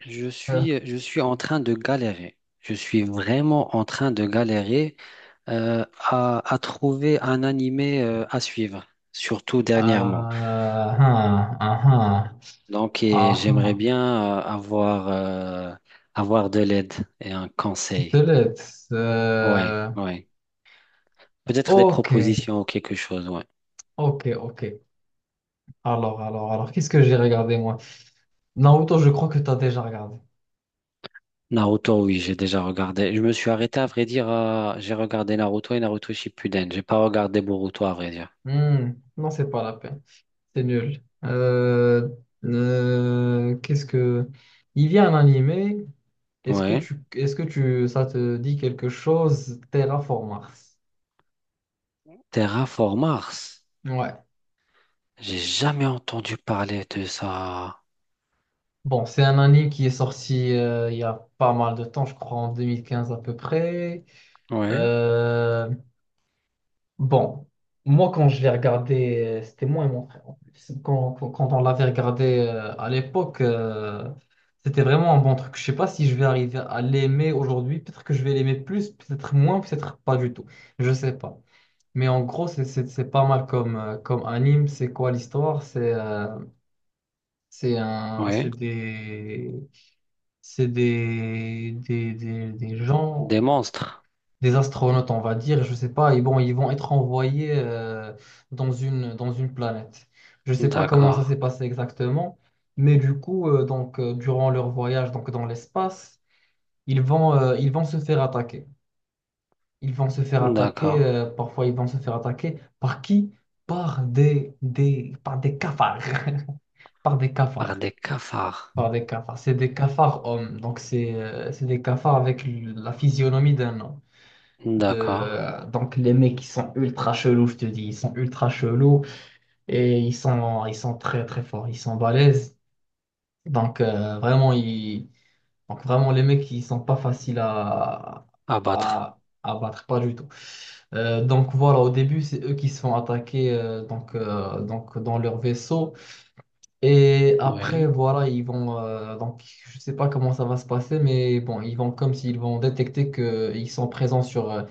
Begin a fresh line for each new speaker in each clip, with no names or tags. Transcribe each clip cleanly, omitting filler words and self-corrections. Je suis,
Aha,
je suis en train de galérer. Je suis vraiment en train de galérer à trouver un animé à suivre, surtout dernièrement.
aha, aha.
Donc, et j'aimerais bien avoir, avoir de l'aide et un conseil.
Peut-être.
Ouais,
euh,
ouais. Peut-être des
ok,
propositions ou quelque chose, ouais.
ok, ok. Alors, qu'est-ce que j'ai regardé moi? Naruto, je crois que t'as déjà regardé.
Naruto, oui, j'ai déjà regardé. Je me suis arrêté, à vrai dire, j'ai regardé Naruto et Naruto Shippuden. J'ai pas regardé Boruto, à vrai dire.
Hmm, non, c'est pas la peine. C'est nul. Qu'est-ce que. Il y a un animé. Est-ce que
Ouais.
tu, est-ce que tu, ça te dit quelque chose? Terraformars.
Terraform Mars.
Ouais.
J'ai jamais entendu parler de ça.
Bon, c'est un anime qui est sorti il y a pas mal de temps, je crois en 2015 à peu près.
Oui,
Euh, bon, moi quand je l'ai regardé, c'était moi et mon frère en plus. Quand on l'avait regardé à l'époque, c'était vraiment un bon truc. Je sais pas si je vais arriver à l'aimer aujourd'hui. Peut-être que je vais l'aimer plus, peut-être moins, peut-être pas du tout. Je sais pas. Mais en gros, c'est pas mal comme, comme anime. C'est quoi l'histoire? C'est un,
oui.
c'est des gens,
Des monstres.
des astronautes, on va dire, je sais pas, et bon, ils vont être envoyés dans une planète. Je sais pas comment ça
D'accord.
s'est passé exactement, mais du coup, durant leur voyage donc, dans l'espace, ils vont se faire attaquer. Ils vont se faire attaquer,
D'accord.
parfois ils vont se faire attaquer par qui? Par des cafards. Par des
Par
cafards.
des cafards.
Par des cafards. C'est des cafards hommes. Donc, c'est des cafards avec la physionomie d'un homme.
D'accord.
Donc, les mecs, ils sont ultra chelous, je te dis. Ils sont ultra chelous et ils sont très, très forts. Ils sont balèzes. Donc, vraiment, donc, vraiment, les mecs, ils sont pas faciles à,
Abattre.
à battre. Pas du tout. Donc, voilà, au début, c'est eux qui se font attaquer donc, dans leur vaisseau. Et après,
Oui,
voilà, ils vont. Donc, je sais pas comment ça va se passer, mais bon, ils vont comme s'ils vont détecter qu'ils sont présents sur, euh,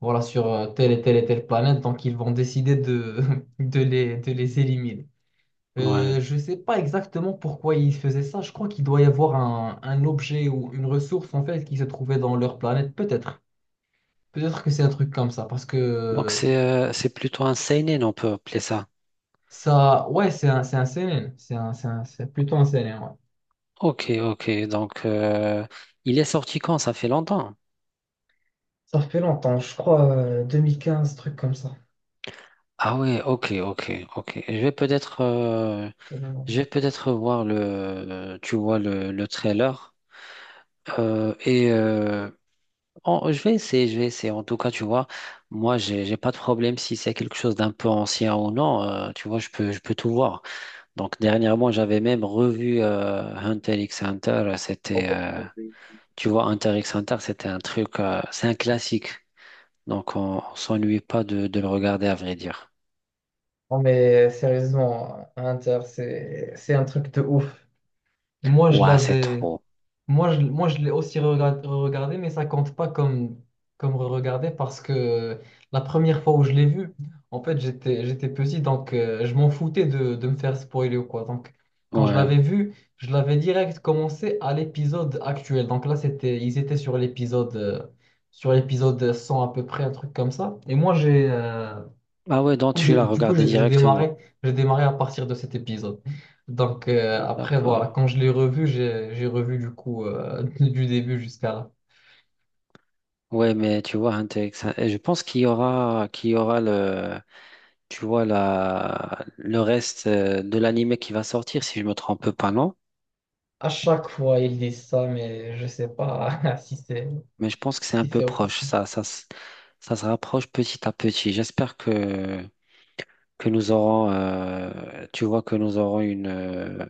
voilà, sur euh, telle et telle et telle planète. Donc, ils vont décider de, de les éliminer.
oui.
Je sais pas exactement pourquoi ils faisaient ça. Je crois qu'il doit y avoir un objet ou une ressource, en fait, qui se trouvait dans leur planète. Peut-être. Peut-être que c'est un truc comme ça. Parce
Donc
que
c'est plutôt un seinen, on peut appeler ça.
ça. Ouais, c'est un CNN. C'est plutôt un CNN, ouais.
Ok, ok. Donc il est sorti quand? Ça fait longtemps.
Ça fait longtemps, je crois, 2015, truc comme ça.
Ah oui. Ok, ok, ok. Je vais peut-être voir le tu vois le trailer. Euh, et euh, je vais essayer, je vais essayer. En tout cas, tu vois, moi, j'ai pas de problème si c'est quelque chose d'un peu ancien ou non. Tu vois, je peux tout voir. Donc, dernièrement, j'avais même revu Hunter x Hunter. Tu vois, Hunter x Hunter, c'est un classique. Donc, on s'ennuie pas de, de le regarder, à vrai dire.
Non, mais sérieusement, Inter, c'est un truc de ouf. Moi, je
Ouais, c'est
l'avais.
trop.
Moi, je l'ai aussi re-regardé, mais ça compte pas comme, re-regardé parce que la première fois où je l'ai vu, en fait, j'étais petit, donc je m'en foutais de, me faire spoiler ou quoi. Donc, quand je
Ouais.
l'avais vu, je l'avais direct commencé à l'épisode actuel. Donc là, c'était, ils étaient sur l'épisode 100 à peu près, un truc comme ça. Et moi,
Ah ouais, donc tu l'as
Du coup,
regardé
j'ai j'ai
directement.
démarré, j'ai démarré à partir de cet épisode. Donc après, voilà,
D'accord.
quand je l'ai revu, j'ai revu du coup du début jusqu'à là.
Ouais, mais tu vois, Hunter x Hunter, je pense qu'il y aura le tu vois, la, le reste de l'anime qui va sortir, si je me trompe pas, non?
À chaque fois, ils disent ça, mais je sais pas si c'est
Mais je pense que c'est un
si
peu
c'est
proche.
officiel.
Ça se rapproche petit à petit. J'espère que nous aurons, tu vois, que nous aurons une,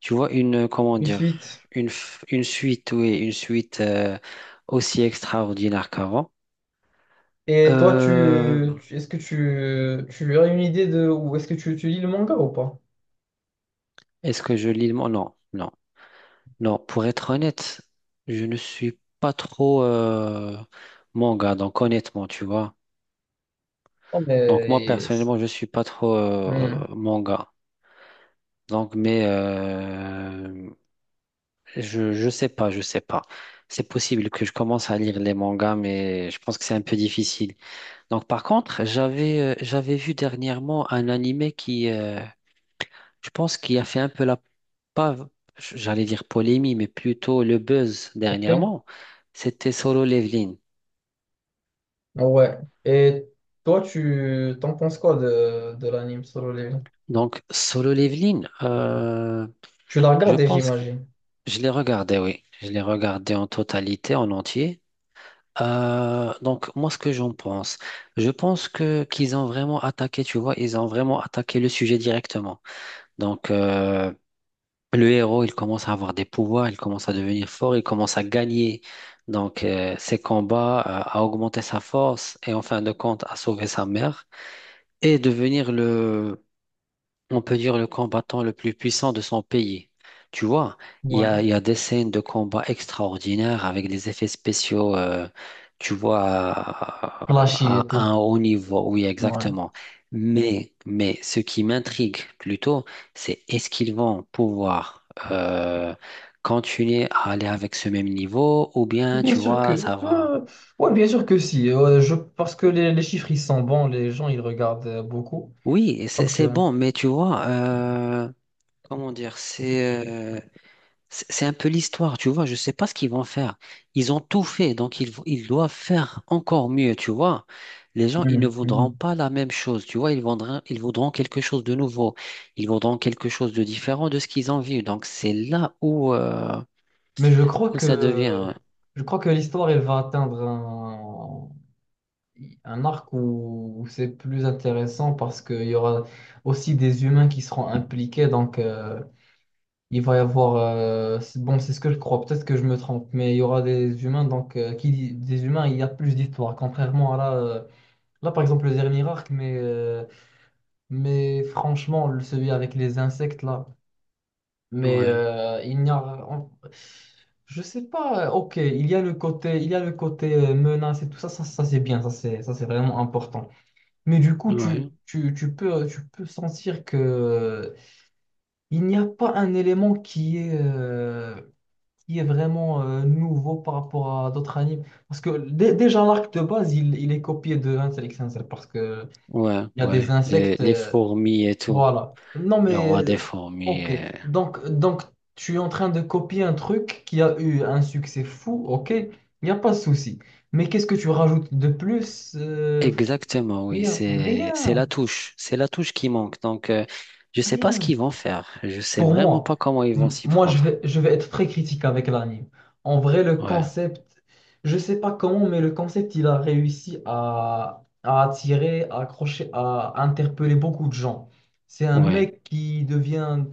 tu vois, une, comment
Une
dire,
suite.
une, une suite, oui, une suite aussi extraordinaire qu'avant.
Et toi,
Euh,
est-ce que tu as une idée de ou est-ce que tu lis le manga ou pas?
Est-ce que je lis le mot? Non, non. Non, pour être honnête, je ne suis pas trop manga, donc honnêtement, tu vois.
Non,
Donc moi,
mais
personnellement, je suis pas trop
hmm,
manga. Donc, mais je sais pas, je sais pas. C'est possible que je commence à lire les mangas, mais je pense que c'est un peu difficile. Donc, par contre, j'avais vu dernièrement un animé qui, je pense, qui a fait un peu la, pas, j'allais dire polémie, mais plutôt le buzz
ok,
dernièrement. C'était Solo Leveling.
ouais. Et toi, tu t'en penses quoi de l'anime Solo Leveling?
Donc, Solo Leveling,
Tu l'as
je
regardé,
pense que
j'imagine.
je l'ai regardé, oui. Je l'ai regardé en totalité, en entier. Donc, moi, ce que j'en pense, je pense que qu'ils ont vraiment attaqué, tu vois, ils ont vraiment attaqué le sujet directement. Donc, le héros, il commence à avoir des pouvoirs, il commence à devenir fort, il commence à gagner. Donc, ses combats, à augmenter sa force et en fin de compte, à sauver sa mère et devenir le on peut dire le combattant le plus puissant de son pays. Tu vois, il y
Ouais.
a, il y a des scènes de combat extraordinaires avec des effets spéciaux, tu vois,
Flashy et
à
tout.
un haut niveau, oui,
Ouais.
exactement. Mais ce qui m'intrigue plutôt, c'est est-ce qu'ils vont pouvoir euh, continuer à aller avec ce même niveau ou bien,
Bien
tu
sûr
vois,
que.
ça va.
Ouais, bien sûr que si. Parce que les chiffres, ils sont bons, les gens, ils regardent beaucoup.
Oui, c'est
Donc,
c'est
euh,
bon, mais tu vois, comment dire, c'est un peu l'histoire, tu vois. Je sais pas ce qu'ils vont faire. Ils ont tout fait, donc ils doivent faire encore mieux, tu vois. Les gens, ils ne
Mhm,
voudront
mhm.
pas la même chose, tu vois. Ils voudront quelque chose de nouveau. Ils voudront quelque chose de différent de ce qu'ils ont vu. Donc c'est là où,
mais je crois
où ça
que
devient.
l'histoire, elle va atteindre un, arc où c'est plus intéressant parce qu'il y aura aussi des humains qui seront impliqués. Donc, il va y avoir. C'est- bon, c'est ce que je crois. Peut-être que je me trompe, mais il y aura des humains. Donc, qui dit des humains, il y a plus d'histoire. Contrairement à là. Là, par exemple, le dernier arc, mais franchement, celui avec les insectes, là, mais
Ouais,
il n'y a. Je sais pas, ok, il y a le côté, il y a le côté menace et tout ça, c'est bien, ça c'est vraiment important. Mais du coup, tu,
ouais,
tu, tu peux, tu peux sentir que il n'y a pas un élément qui est vraiment nouveau par rapport à d'autres animes. Parce que déjà l'arc de base, il est copié de Hunter x Hunter parce que
ouais,
il y a
ouais.
des insectes.
Les fourmis et tout.
Voilà. Non,
Le
mais
roi des fourmis.
ok. Donc, tu es en train de copier un truc qui a eu un succès fou, ok. Il n'y a pas de souci. Mais qu'est-ce que tu rajoutes de plus? Euh, fr-
Exactement, oui,
rien,
c'est
rien,
la touche, c'est la touche qui manque. Donc, je sais pas ce
rien.
qu'ils vont faire. Je sais
Pour
vraiment
moi,
pas comment ils vont s'y
moi je
prendre.
vais, je vais être très critique avec l'anime. En vrai, le
Ouais,
concept, je sais pas comment, mais le concept, il a réussi à, attirer, à accrocher, à interpeller beaucoup de gens. C'est un
ouais,
mec qui devient,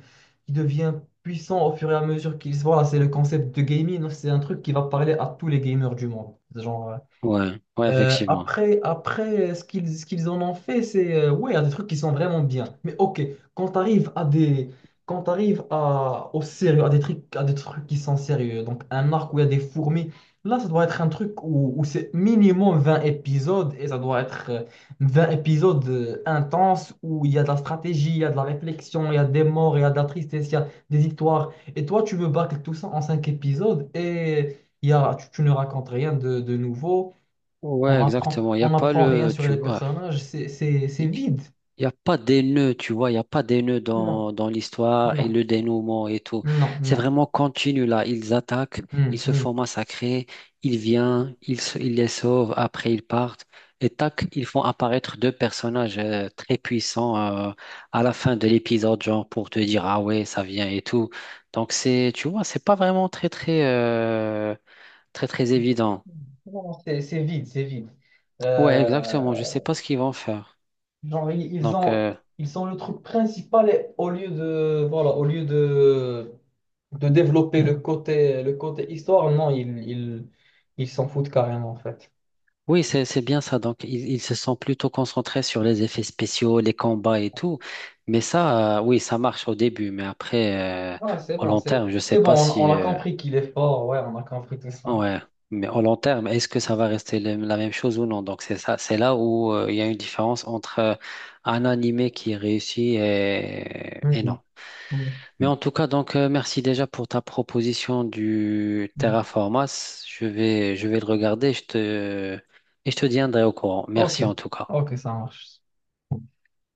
qui devient puissant au fur et à mesure qu'il se voit. C'est le concept de gaming, c'est un truc qui va parler à tous les gamers du monde. Genre, euh,
ouais, ouais,
euh,
effectivement.
après, ce qu'ils en ont fait, c'est ouais, il y a des trucs qui sont vraiment bien. Mais ok, quand tu arrives à des quand t'arrives à au sérieux, à des trucs qui sont sérieux, donc un arc où il y a des fourmis, là ça doit être un truc où c'est minimum 20 épisodes et ça doit être 20 épisodes intenses où il y a de la stratégie, il y a de la réflexion, il y a des morts, il y a de la tristesse, il y a des victoires. Et toi, tu veux bâcler tout ça en 5 épisodes et il y a, tu ne racontes rien de nouveau. On
Ouais,
apprend,
exactement. Il y
on
a pas
n'apprend rien
le,
sur
tu
les
vois.
personnages, c'est vide.
Il n'y a pas des nœuds, tu vois, il n'y a pas des nœuds
Non,
dans, dans l'histoire et
non,
le dénouement et tout.
non,
C'est
non.
vraiment continu là. Ils attaquent,
Hmm,
ils se font
hmm.
massacrer, ils viennent, ils les sauvent, après ils partent. Et tac, ils font apparaître deux personnages très puissants euh, à la fin de l'épisode, genre pour te dire, ah ouais, ça vient et tout. Donc c'est, tu vois, c'est pas vraiment très, très, très, très évident.
Non, c'est vide, c'est vide.
Ouais, exactement. Je
Euh,
sais pas ce qu'ils vont faire.
genre, ils ils
Donc,
ont, ils ont le truc principal et au lieu de, voilà, au lieu de, développer le côté histoire, non, ils s'en foutent carrément, en fait.
oui, c'est bien ça. Donc, ils se sont plutôt concentrés sur les effets spéciaux, les combats et tout. Mais ça, oui, ça marche au début. Mais après,
Ouais, c'est
au
bon,
long
c'est
terme, je sais
c'est bon,
pas
on,
si.
on a compris qu'il est fort, ouais, on a compris tout ça.
Ouais. Mais au long terme, est-ce que ça va rester la même chose ou non? Donc, c'est ça. C'est là où il y a une différence entre un animé qui réussit et
Hmm,
non.
hmm,
Mais en tout cas, donc, merci déjà pour ta proposition du
hmm.
Terraformas. Je vais le regarder. Je te, et je te tiendrai au courant.
Ok,
Merci en tout cas.
ok, ça marche.